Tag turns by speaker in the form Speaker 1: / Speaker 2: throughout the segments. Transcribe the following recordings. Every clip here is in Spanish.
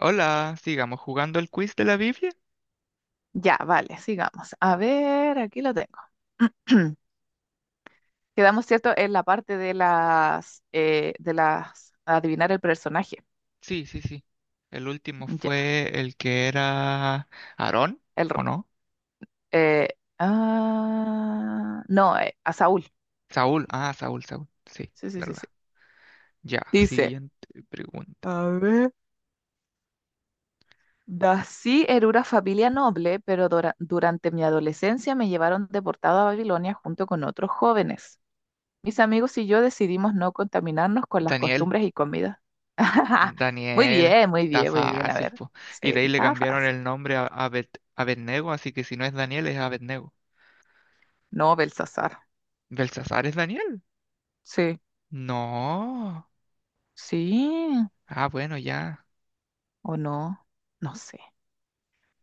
Speaker 1: Hola, sigamos jugando el quiz de la Biblia.
Speaker 2: Ya, vale, sigamos. A ver, aquí lo tengo. Quedamos, ¿cierto?, en la parte de las, adivinar el personaje.
Speaker 1: Sí, sí, sí. El último
Speaker 2: Ya,
Speaker 1: fue el que era Aarón,
Speaker 2: el, r-
Speaker 1: ¿o no?
Speaker 2: eh, ah, no, a Saúl.
Speaker 1: Saúl, ah, Saúl, Saúl. Sí,
Speaker 2: Sí, sí, sí,
Speaker 1: verdad.
Speaker 2: sí.
Speaker 1: Ya,
Speaker 2: Dice,
Speaker 1: siguiente pregunta.
Speaker 2: a ver. Dací era una familia noble, pero durante mi adolescencia me llevaron deportado a Babilonia junto con otros jóvenes. Mis amigos y yo decidimos no contaminarnos con las
Speaker 1: Daniel,
Speaker 2: costumbres y comidas. Muy
Speaker 1: Daniel,
Speaker 2: bien, muy
Speaker 1: está
Speaker 2: bien, muy bien. A
Speaker 1: fácil,
Speaker 2: ver,
Speaker 1: po. Y
Speaker 2: sí,
Speaker 1: de ahí le
Speaker 2: estaba
Speaker 1: cambiaron
Speaker 2: fácil.
Speaker 1: el nombre a Abed, Abednego, así que si no es Daniel, es Abednego.
Speaker 2: No, Belsasar.
Speaker 1: ¿Belsasar es Daniel?
Speaker 2: Sí,
Speaker 1: No.
Speaker 2: sí
Speaker 1: Ah, bueno, ya.
Speaker 2: o no, no sé.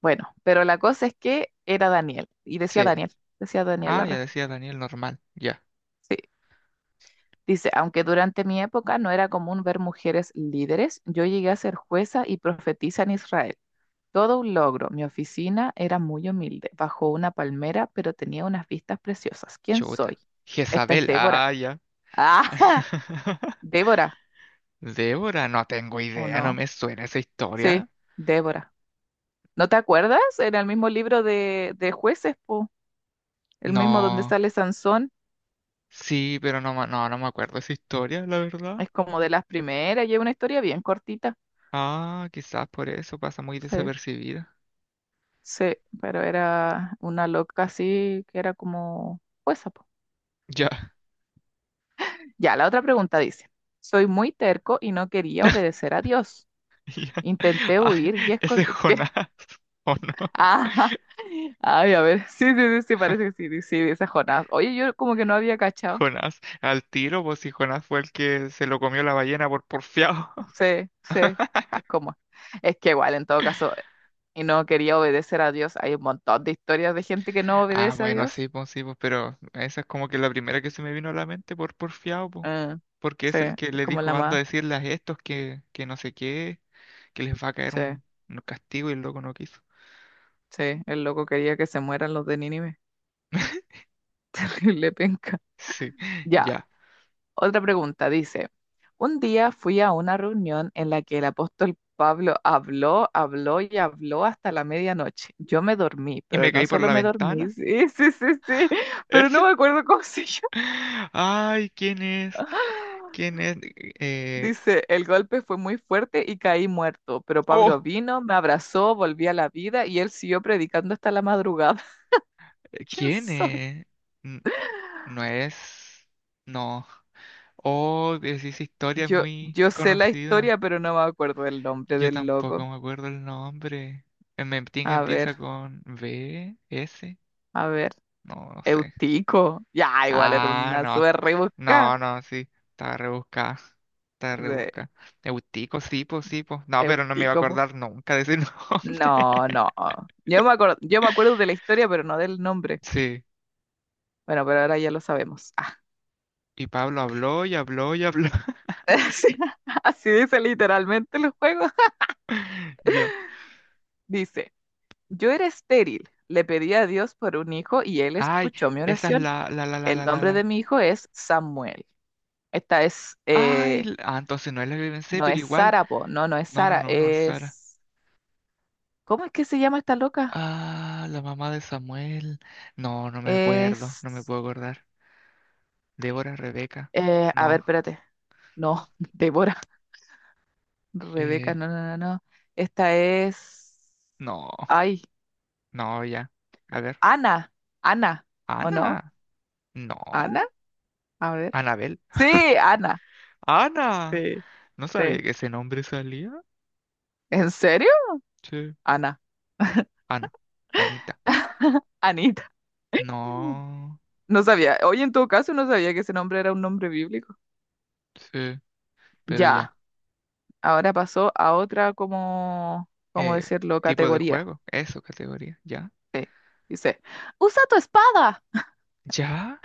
Speaker 2: Bueno, pero la cosa es que era Daniel y
Speaker 1: Sí.
Speaker 2: Decía Daniel
Speaker 1: Ah,
Speaker 2: la
Speaker 1: ya
Speaker 2: respuesta.
Speaker 1: decía Daniel normal. Ya.
Speaker 2: Sí, dice, aunque durante mi época no era común ver mujeres líderes, yo llegué a ser jueza y profetisa en Israel. Todo un logro. Mi oficina era muy humilde, bajo una palmera, pero tenía unas vistas preciosas. ¿Quién
Speaker 1: Chuta.
Speaker 2: soy? Esta es
Speaker 1: Jezabel,
Speaker 2: Débora.
Speaker 1: ah, ya.
Speaker 2: ¡Ah! Débora,
Speaker 1: Débora, no tengo
Speaker 2: ¿o
Speaker 1: idea, no
Speaker 2: no?
Speaker 1: me suena esa
Speaker 2: Sí,
Speaker 1: historia.
Speaker 2: Débora. ¿No te acuerdas? Era el mismo libro de jueces, po. El mismo donde
Speaker 1: No,
Speaker 2: sale Sansón.
Speaker 1: sí, pero no, no, no me acuerdo esa historia, la verdad.
Speaker 2: Es como de las primeras y es una historia bien cortita.
Speaker 1: Ah, quizás por eso pasa muy
Speaker 2: Sí,
Speaker 1: desapercibida.
Speaker 2: sí, pero era una loca así que era como jueza, po.
Speaker 1: Ya.
Speaker 2: Ya, la otra pregunta dice, soy muy terco y no quería obedecer a Dios.
Speaker 1: Ya.
Speaker 2: Intenté
Speaker 1: Ah,
Speaker 2: huir y
Speaker 1: ese es
Speaker 2: esconder. ¿Qué?
Speaker 1: Jonás, ¿o no?
Speaker 2: Ah, ay, a ver. Sí, sí, sí, sí, parece que sí, sí, dice Jonás. Oye, yo como que no había cachado.
Speaker 1: Jonás, al tiro, pues si Jonás fue el que se lo comió la ballena por porfiado.
Speaker 2: Sí, sí. Es como. Es que igual, en todo caso, y no quería obedecer a Dios. Hay un montón de historias de gente que no
Speaker 1: Ah,
Speaker 2: obedece a
Speaker 1: bueno,
Speaker 2: Dios.
Speaker 1: sí, pues, pero esa es como que la primera que se me vino a la mente por porfiado, pues.
Speaker 2: Eh,
Speaker 1: Porque
Speaker 2: sí,
Speaker 1: es el que
Speaker 2: es
Speaker 1: le
Speaker 2: como la
Speaker 1: dijo, anda a
Speaker 2: más.
Speaker 1: decirles a estos que no sé qué, que les va a caer
Speaker 2: Sí,
Speaker 1: un castigo y el loco no quiso.
Speaker 2: sí. El loco quería que se mueran los de Nínive. Le penca.
Speaker 1: Sí,
Speaker 2: Ya.
Speaker 1: ya.
Speaker 2: Otra pregunta dice, un día fui a una reunión en la que el apóstol Pablo habló, habló y habló hasta la medianoche. Yo me dormí,
Speaker 1: Y
Speaker 2: pero
Speaker 1: me
Speaker 2: no
Speaker 1: caí por
Speaker 2: solo
Speaker 1: la
Speaker 2: me dormí,
Speaker 1: ventana.
Speaker 2: sí, sí, sí, sí, pero no
Speaker 1: ¿Ese?
Speaker 2: me acuerdo cómo se llama.
Speaker 1: Ay, ¿quién es? ¿Quién es? Eh,
Speaker 2: Dice, el golpe fue muy fuerte y caí muerto, pero Pablo
Speaker 1: oh,
Speaker 2: vino, me abrazó, volví a la vida y él siguió predicando hasta la madrugada. ¿Quién
Speaker 1: ¿quién
Speaker 2: soy?
Speaker 1: es? N- No es. No. Oh, esa historia es
Speaker 2: Yo,
Speaker 1: muy
Speaker 2: yo sé la historia,
Speaker 1: conocida.
Speaker 2: pero no me acuerdo del nombre
Speaker 1: Yo
Speaker 2: del
Speaker 1: tampoco
Speaker 2: loco.
Speaker 1: me acuerdo el nombre. En Memting
Speaker 2: A ver,
Speaker 1: empieza con B, S.
Speaker 2: a ver.
Speaker 1: No, no sé.
Speaker 2: Eutico. Ya, igual era
Speaker 1: Ah,
Speaker 2: una
Speaker 1: no.
Speaker 2: súper rebuscada.
Speaker 1: No, no, sí. Estaba rebuscada. Estaba
Speaker 2: De
Speaker 1: rebuscada. Eutico, sí, po, sí, po. No, pero no me iba a
Speaker 2: Eutico, po.
Speaker 1: acordar nunca de ese nombre.
Speaker 2: No, no. Yo me acuerdo de la historia, pero no del nombre.
Speaker 1: Sí.
Speaker 2: Bueno, pero ahora ya lo sabemos. Ah.
Speaker 1: Y Pablo habló y habló y habló.
Speaker 2: Así, así dice literalmente el juego.
Speaker 1: Ya.
Speaker 2: Dice, yo era estéril, le pedí a Dios por un hijo y él
Speaker 1: Ay,
Speaker 2: escuchó mi
Speaker 1: esa es
Speaker 2: oración.
Speaker 1: la, la, la, la,
Speaker 2: El
Speaker 1: la, la,
Speaker 2: nombre
Speaker 1: la.
Speaker 2: de mi hijo es Samuel. Esta es,
Speaker 1: Ay,
Speaker 2: eh,
Speaker 1: ah, entonces no es la que pensé,
Speaker 2: no
Speaker 1: pero
Speaker 2: es
Speaker 1: igual.
Speaker 2: Sara, po. No, no es
Speaker 1: No, no,
Speaker 2: Sara,
Speaker 1: no, no es Sara.
Speaker 2: es... ¿Cómo es que se llama esta loca?
Speaker 1: Ah, la mamá de Samuel. No, no me acuerdo, no me
Speaker 2: Es...
Speaker 1: puedo acordar. Débora, Rebeca.
Speaker 2: A ver,
Speaker 1: No,
Speaker 2: espérate. No, Débora, Rebeca,
Speaker 1: eh,
Speaker 2: no, no, no, no. Esta es.
Speaker 1: no,
Speaker 2: Ay,
Speaker 1: no, ya. A ver,
Speaker 2: Ana, Ana, ¿o no?
Speaker 1: Ana.
Speaker 2: Ana,
Speaker 1: No,
Speaker 2: a ver.
Speaker 1: Anabel.
Speaker 2: Sí, Ana.
Speaker 1: Ana.
Speaker 2: Sí,
Speaker 1: No sabía
Speaker 2: sí.
Speaker 1: que ese nombre salía.
Speaker 2: ¿En serio?
Speaker 1: Sí.
Speaker 2: Ana,
Speaker 1: Ana, Anita.
Speaker 2: Anita. Mm.
Speaker 1: No,
Speaker 2: No sabía. Oye, en todo caso, no sabía que ese nombre era un nombre bíblico.
Speaker 1: sí, pero
Speaker 2: Ya,
Speaker 1: ya.
Speaker 2: ahora pasó a otra como, ¿cómo
Speaker 1: Eh,
Speaker 2: decirlo?
Speaker 1: Tipo de
Speaker 2: Categoría.
Speaker 1: juego, eso, categoría. Ya,
Speaker 2: Sí, dice, usa tu espada.
Speaker 1: ya,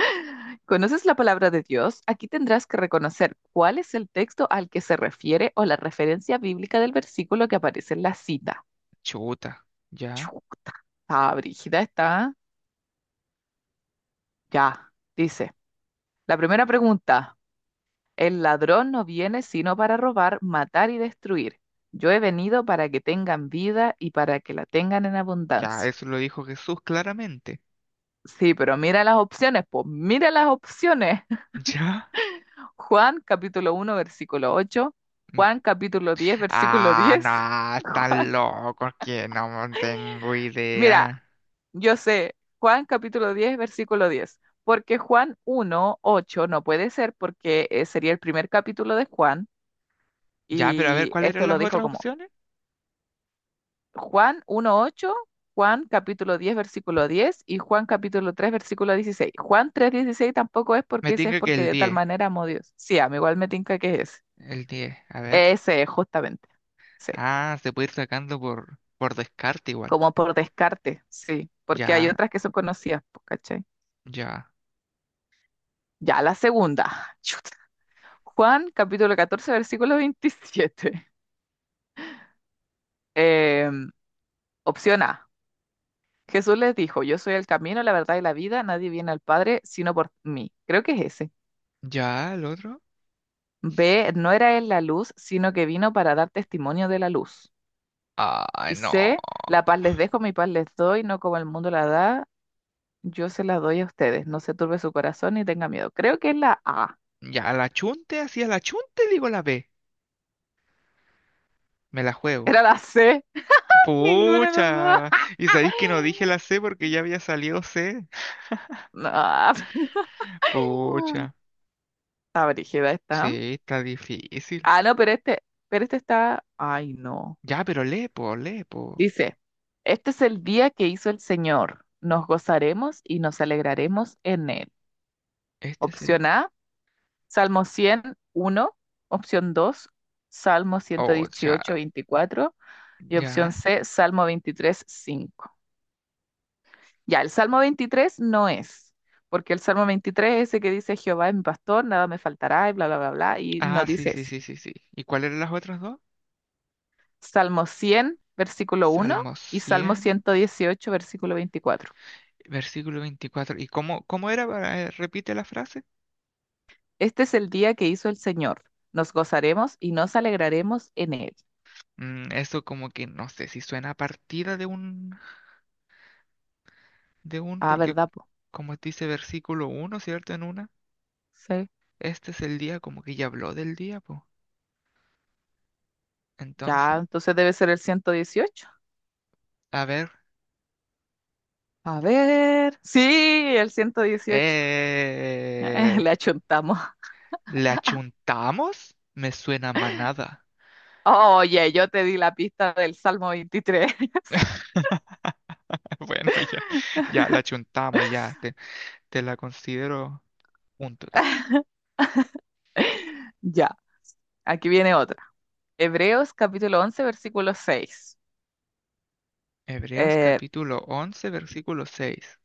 Speaker 2: ¿Conoces la palabra de Dios? Aquí tendrás que reconocer cuál es el texto al que se refiere o la referencia bíblica del versículo que aparece en la cita.
Speaker 1: chuta, ya,
Speaker 2: Chuta. Ah, brígida está. Ya. Dice. La primera pregunta. El ladrón no viene sino para robar, matar y destruir. Yo he venido para que tengan vida y para que la tengan en
Speaker 1: ya,
Speaker 2: abundancia.
Speaker 1: eso lo dijo Jesús claramente.
Speaker 2: Sí, pero mira las opciones, pues mira las opciones.
Speaker 1: Ya.
Speaker 2: Juan 1:8.
Speaker 1: Mm.
Speaker 2: Juan capítulo 10 versículo
Speaker 1: Ah,
Speaker 2: 10.
Speaker 1: no, están locos que no tengo
Speaker 2: Mira,
Speaker 1: idea.
Speaker 2: yo sé, Juan 10:10, porque Juan uno 8 no puede ser porque sería el primer capítulo de Juan
Speaker 1: Ya, pero a ver,
Speaker 2: y
Speaker 1: ¿cuáles
Speaker 2: esto
Speaker 1: eran
Speaker 2: lo
Speaker 1: las
Speaker 2: dijo
Speaker 1: otras
Speaker 2: como
Speaker 1: opciones?
Speaker 2: Juan 1:8, Juan 10:10 y Juan 3:16. Juan 3:16 tampoco es
Speaker 1: Me
Speaker 2: porque ese es
Speaker 1: tinca que
Speaker 2: porque
Speaker 1: el
Speaker 2: de tal
Speaker 1: 10,
Speaker 2: manera amó Dios. Sí, a mí igual me tinca que es ese.
Speaker 1: el 10. A ver.
Speaker 2: Ese es justamente, sí,
Speaker 1: Ah, se puede ir sacando por descarte igual.
Speaker 2: como por descarte, sí, porque hay
Speaker 1: Ya,
Speaker 2: otras que son conocidas, po, ¿cachai?
Speaker 1: ya.
Speaker 2: Ya la segunda. Juan 14:27. Eh, Opción A. Jesús les dijo, yo soy el camino, la verdad y la vida, nadie viene al Padre sino por mí. Creo que es ese.
Speaker 1: Ya, el otro.
Speaker 2: B. No era él la luz, sino que vino para dar testimonio de la luz.
Speaker 1: Ah,
Speaker 2: Y
Speaker 1: no.
Speaker 2: C. La paz les dejo, mi paz les doy, no como el mundo la da, yo se la doy a ustedes. No se turbe su corazón ni tenga miedo. Creo que es la A.
Speaker 1: Ya, la chunte, así a la chunte digo la B. Me la juego.
Speaker 2: Era la C. Ninguna de las
Speaker 1: Pucha.
Speaker 2: dos.
Speaker 1: Y sabéis que no dije la C porque ya había salido C.
Speaker 2: No.
Speaker 1: Pucha.
Speaker 2: Está brígida esta.
Speaker 1: Sí, está difícil.
Speaker 2: Ah, no, pero este está. Ay, no.
Speaker 1: Ya, pero lee, po, lee, po.
Speaker 2: Dice, este es el día que hizo el Señor. Nos gozaremos y nos alegraremos en él.
Speaker 1: Este es el...
Speaker 2: Opción A, Salmo 101. Opción 2, Salmo ciento
Speaker 1: Oh, ya,
Speaker 2: dieciocho veinticuatro. Y opción
Speaker 1: ya.
Speaker 2: C, Salmo 23:5. Ya, el Salmo 23 no es, porque el Salmo 23 es ese que dice, Jehová es mi pastor, nada me faltará, y bla, bla, bla, bla, y no
Speaker 1: Ah, sí,
Speaker 2: dice
Speaker 1: sí,
Speaker 2: eso.
Speaker 1: sí, sí, sí. ¿Y cuáles eran las otras dos?
Speaker 2: Salmo 100:1
Speaker 1: Salmo
Speaker 2: y Salmo
Speaker 1: 100
Speaker 2: 118 versículo 24.
Speaker 1: versículo 24. ¿Y cómo era? Repite la frase.
Speaker 2: Este es el día que hizo el Señor. Nos gozaremos y nos alegraremos en él.
Speaker 1: Mm, eso como que no sé si suena a partida de un,
Speaker 2: Ah,
Speaker 1: porque
Speaker 2: ¿verdad, po?
Speaker 1: como dice versículo uno, ¿cierto? En una.
Speaker 2: Sí.
Speaker 1: Este es el día, como que ya habló del día, pues.
Speaker 2: Ya,
Speaker 1: Entonces,
Speaker 2: entonces debe ser el 118.
Speaker 1: a ver.
Speaker 2: A ver. Sí, el 118.
Speaker 1: Eh,
Speaker 2: Le achuntamos.
Speaker 1: ¿La chuntamos? Me suena a manada.
Speaker 2: Oye, yo te di la pista del Salmo 23.
Speaker 1: Bueno, ya, ya la chuntamos, ya, te la considero punto también.
Speaker 2: Ya, aquí viene otra. Hebreos 11:6.
Speaker 1: Hebreos
Speaker 2: Eh,
Speaker 1: capítulo 11 versículo seis.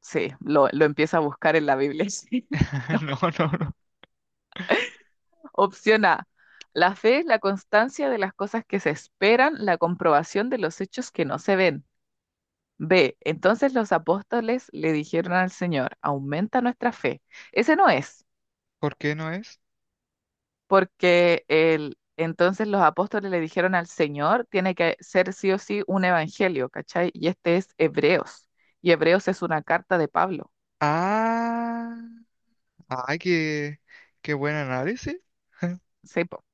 Speaker 2: sí, lo empieza a buscar en la Biblia. Sí. No,
Speaker 1: No, no, no.
Speaker 2: opción A. La fe es la constancia de las cosas que se esperan, la comprobación de los hechos que no se ven. B. Entonces los apóstoles le dijeron al Señor, aumenta nuestra fe. Ese no es,
Speaker 1: ¿Por qué no es?
Speaker 2: porque el entonces los apóstoles le dijeron al Señor, tiene que ser sí o sí un evangelio, ¿cachai? Y este es Hebreos. Y Hebreos es una carta de Pablo.
Speaker 1: Ah, ay, qué, buen análisis.
Speaker 2: Sí, po.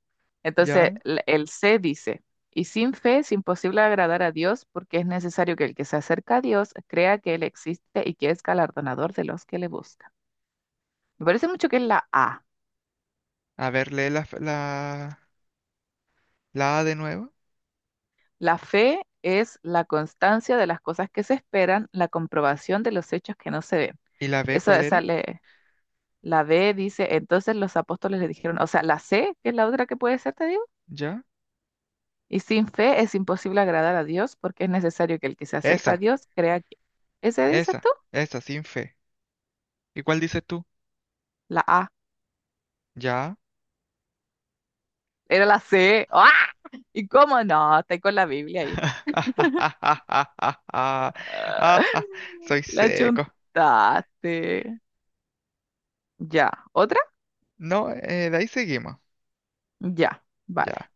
Speaker 2: Entonces,
Speaker 1: Ya.
Speaker 2: el C dice, y sin fe es imposible agradar a Dios porque es necesario que el que se acerca a Dios crea que Él existe y que es galardonador de los que le buscan. Me parece mucho que es la A.
Speaker 1: A ver, lee la A de nuevo.
Speaker 2: La fe es la constancia de las cosas que se esperan, la comprobación de los hechos que no se ven.
Speaker 1: ¿Y la B
Speaker 2: Eso
Speaker 1: cuál era?
Speaker 2: sale, la B dice, entonces los apóstoles le dijeron, o sea, la C, que es la otra que puede ser, te digo,
Speaker 1: Ya.
Speaker 2: y sin fe es imposible agradar a Dios porque es necesario que el que se acerca a
Speaker 1: Esa,
Speaker 2: Dios crea que... ¿Ese dices
Speaker 1: esa,
Speaker 2: tú?
Speaker 1: esa, sin fe. ¿Y cuál dices tú?
Speaker 2: La A.
Speaker 1: Ya.
Speaker 2: Era la C. ¡Ah! ¿Y cómo no? Estoy con la Biblia ahí. Ah,
Speaker 1: Ah, soy
Speaker 2: la
Speaker 1: seco.
Speaker 2: chuntaste. Ya. ¿Otra?
Speaker 1: No, de ahí seguimos.
Speaker 2: Ya.
Speaker 1: Ya.
Speaker 2: Vale.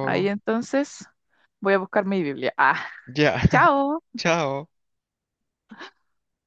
Speaker 2: Ahí entonces voy a buscar mi Biblia. Ah,
Speaker 1: Ya.
Speaker 2: chao.
Speaker 1: Chao.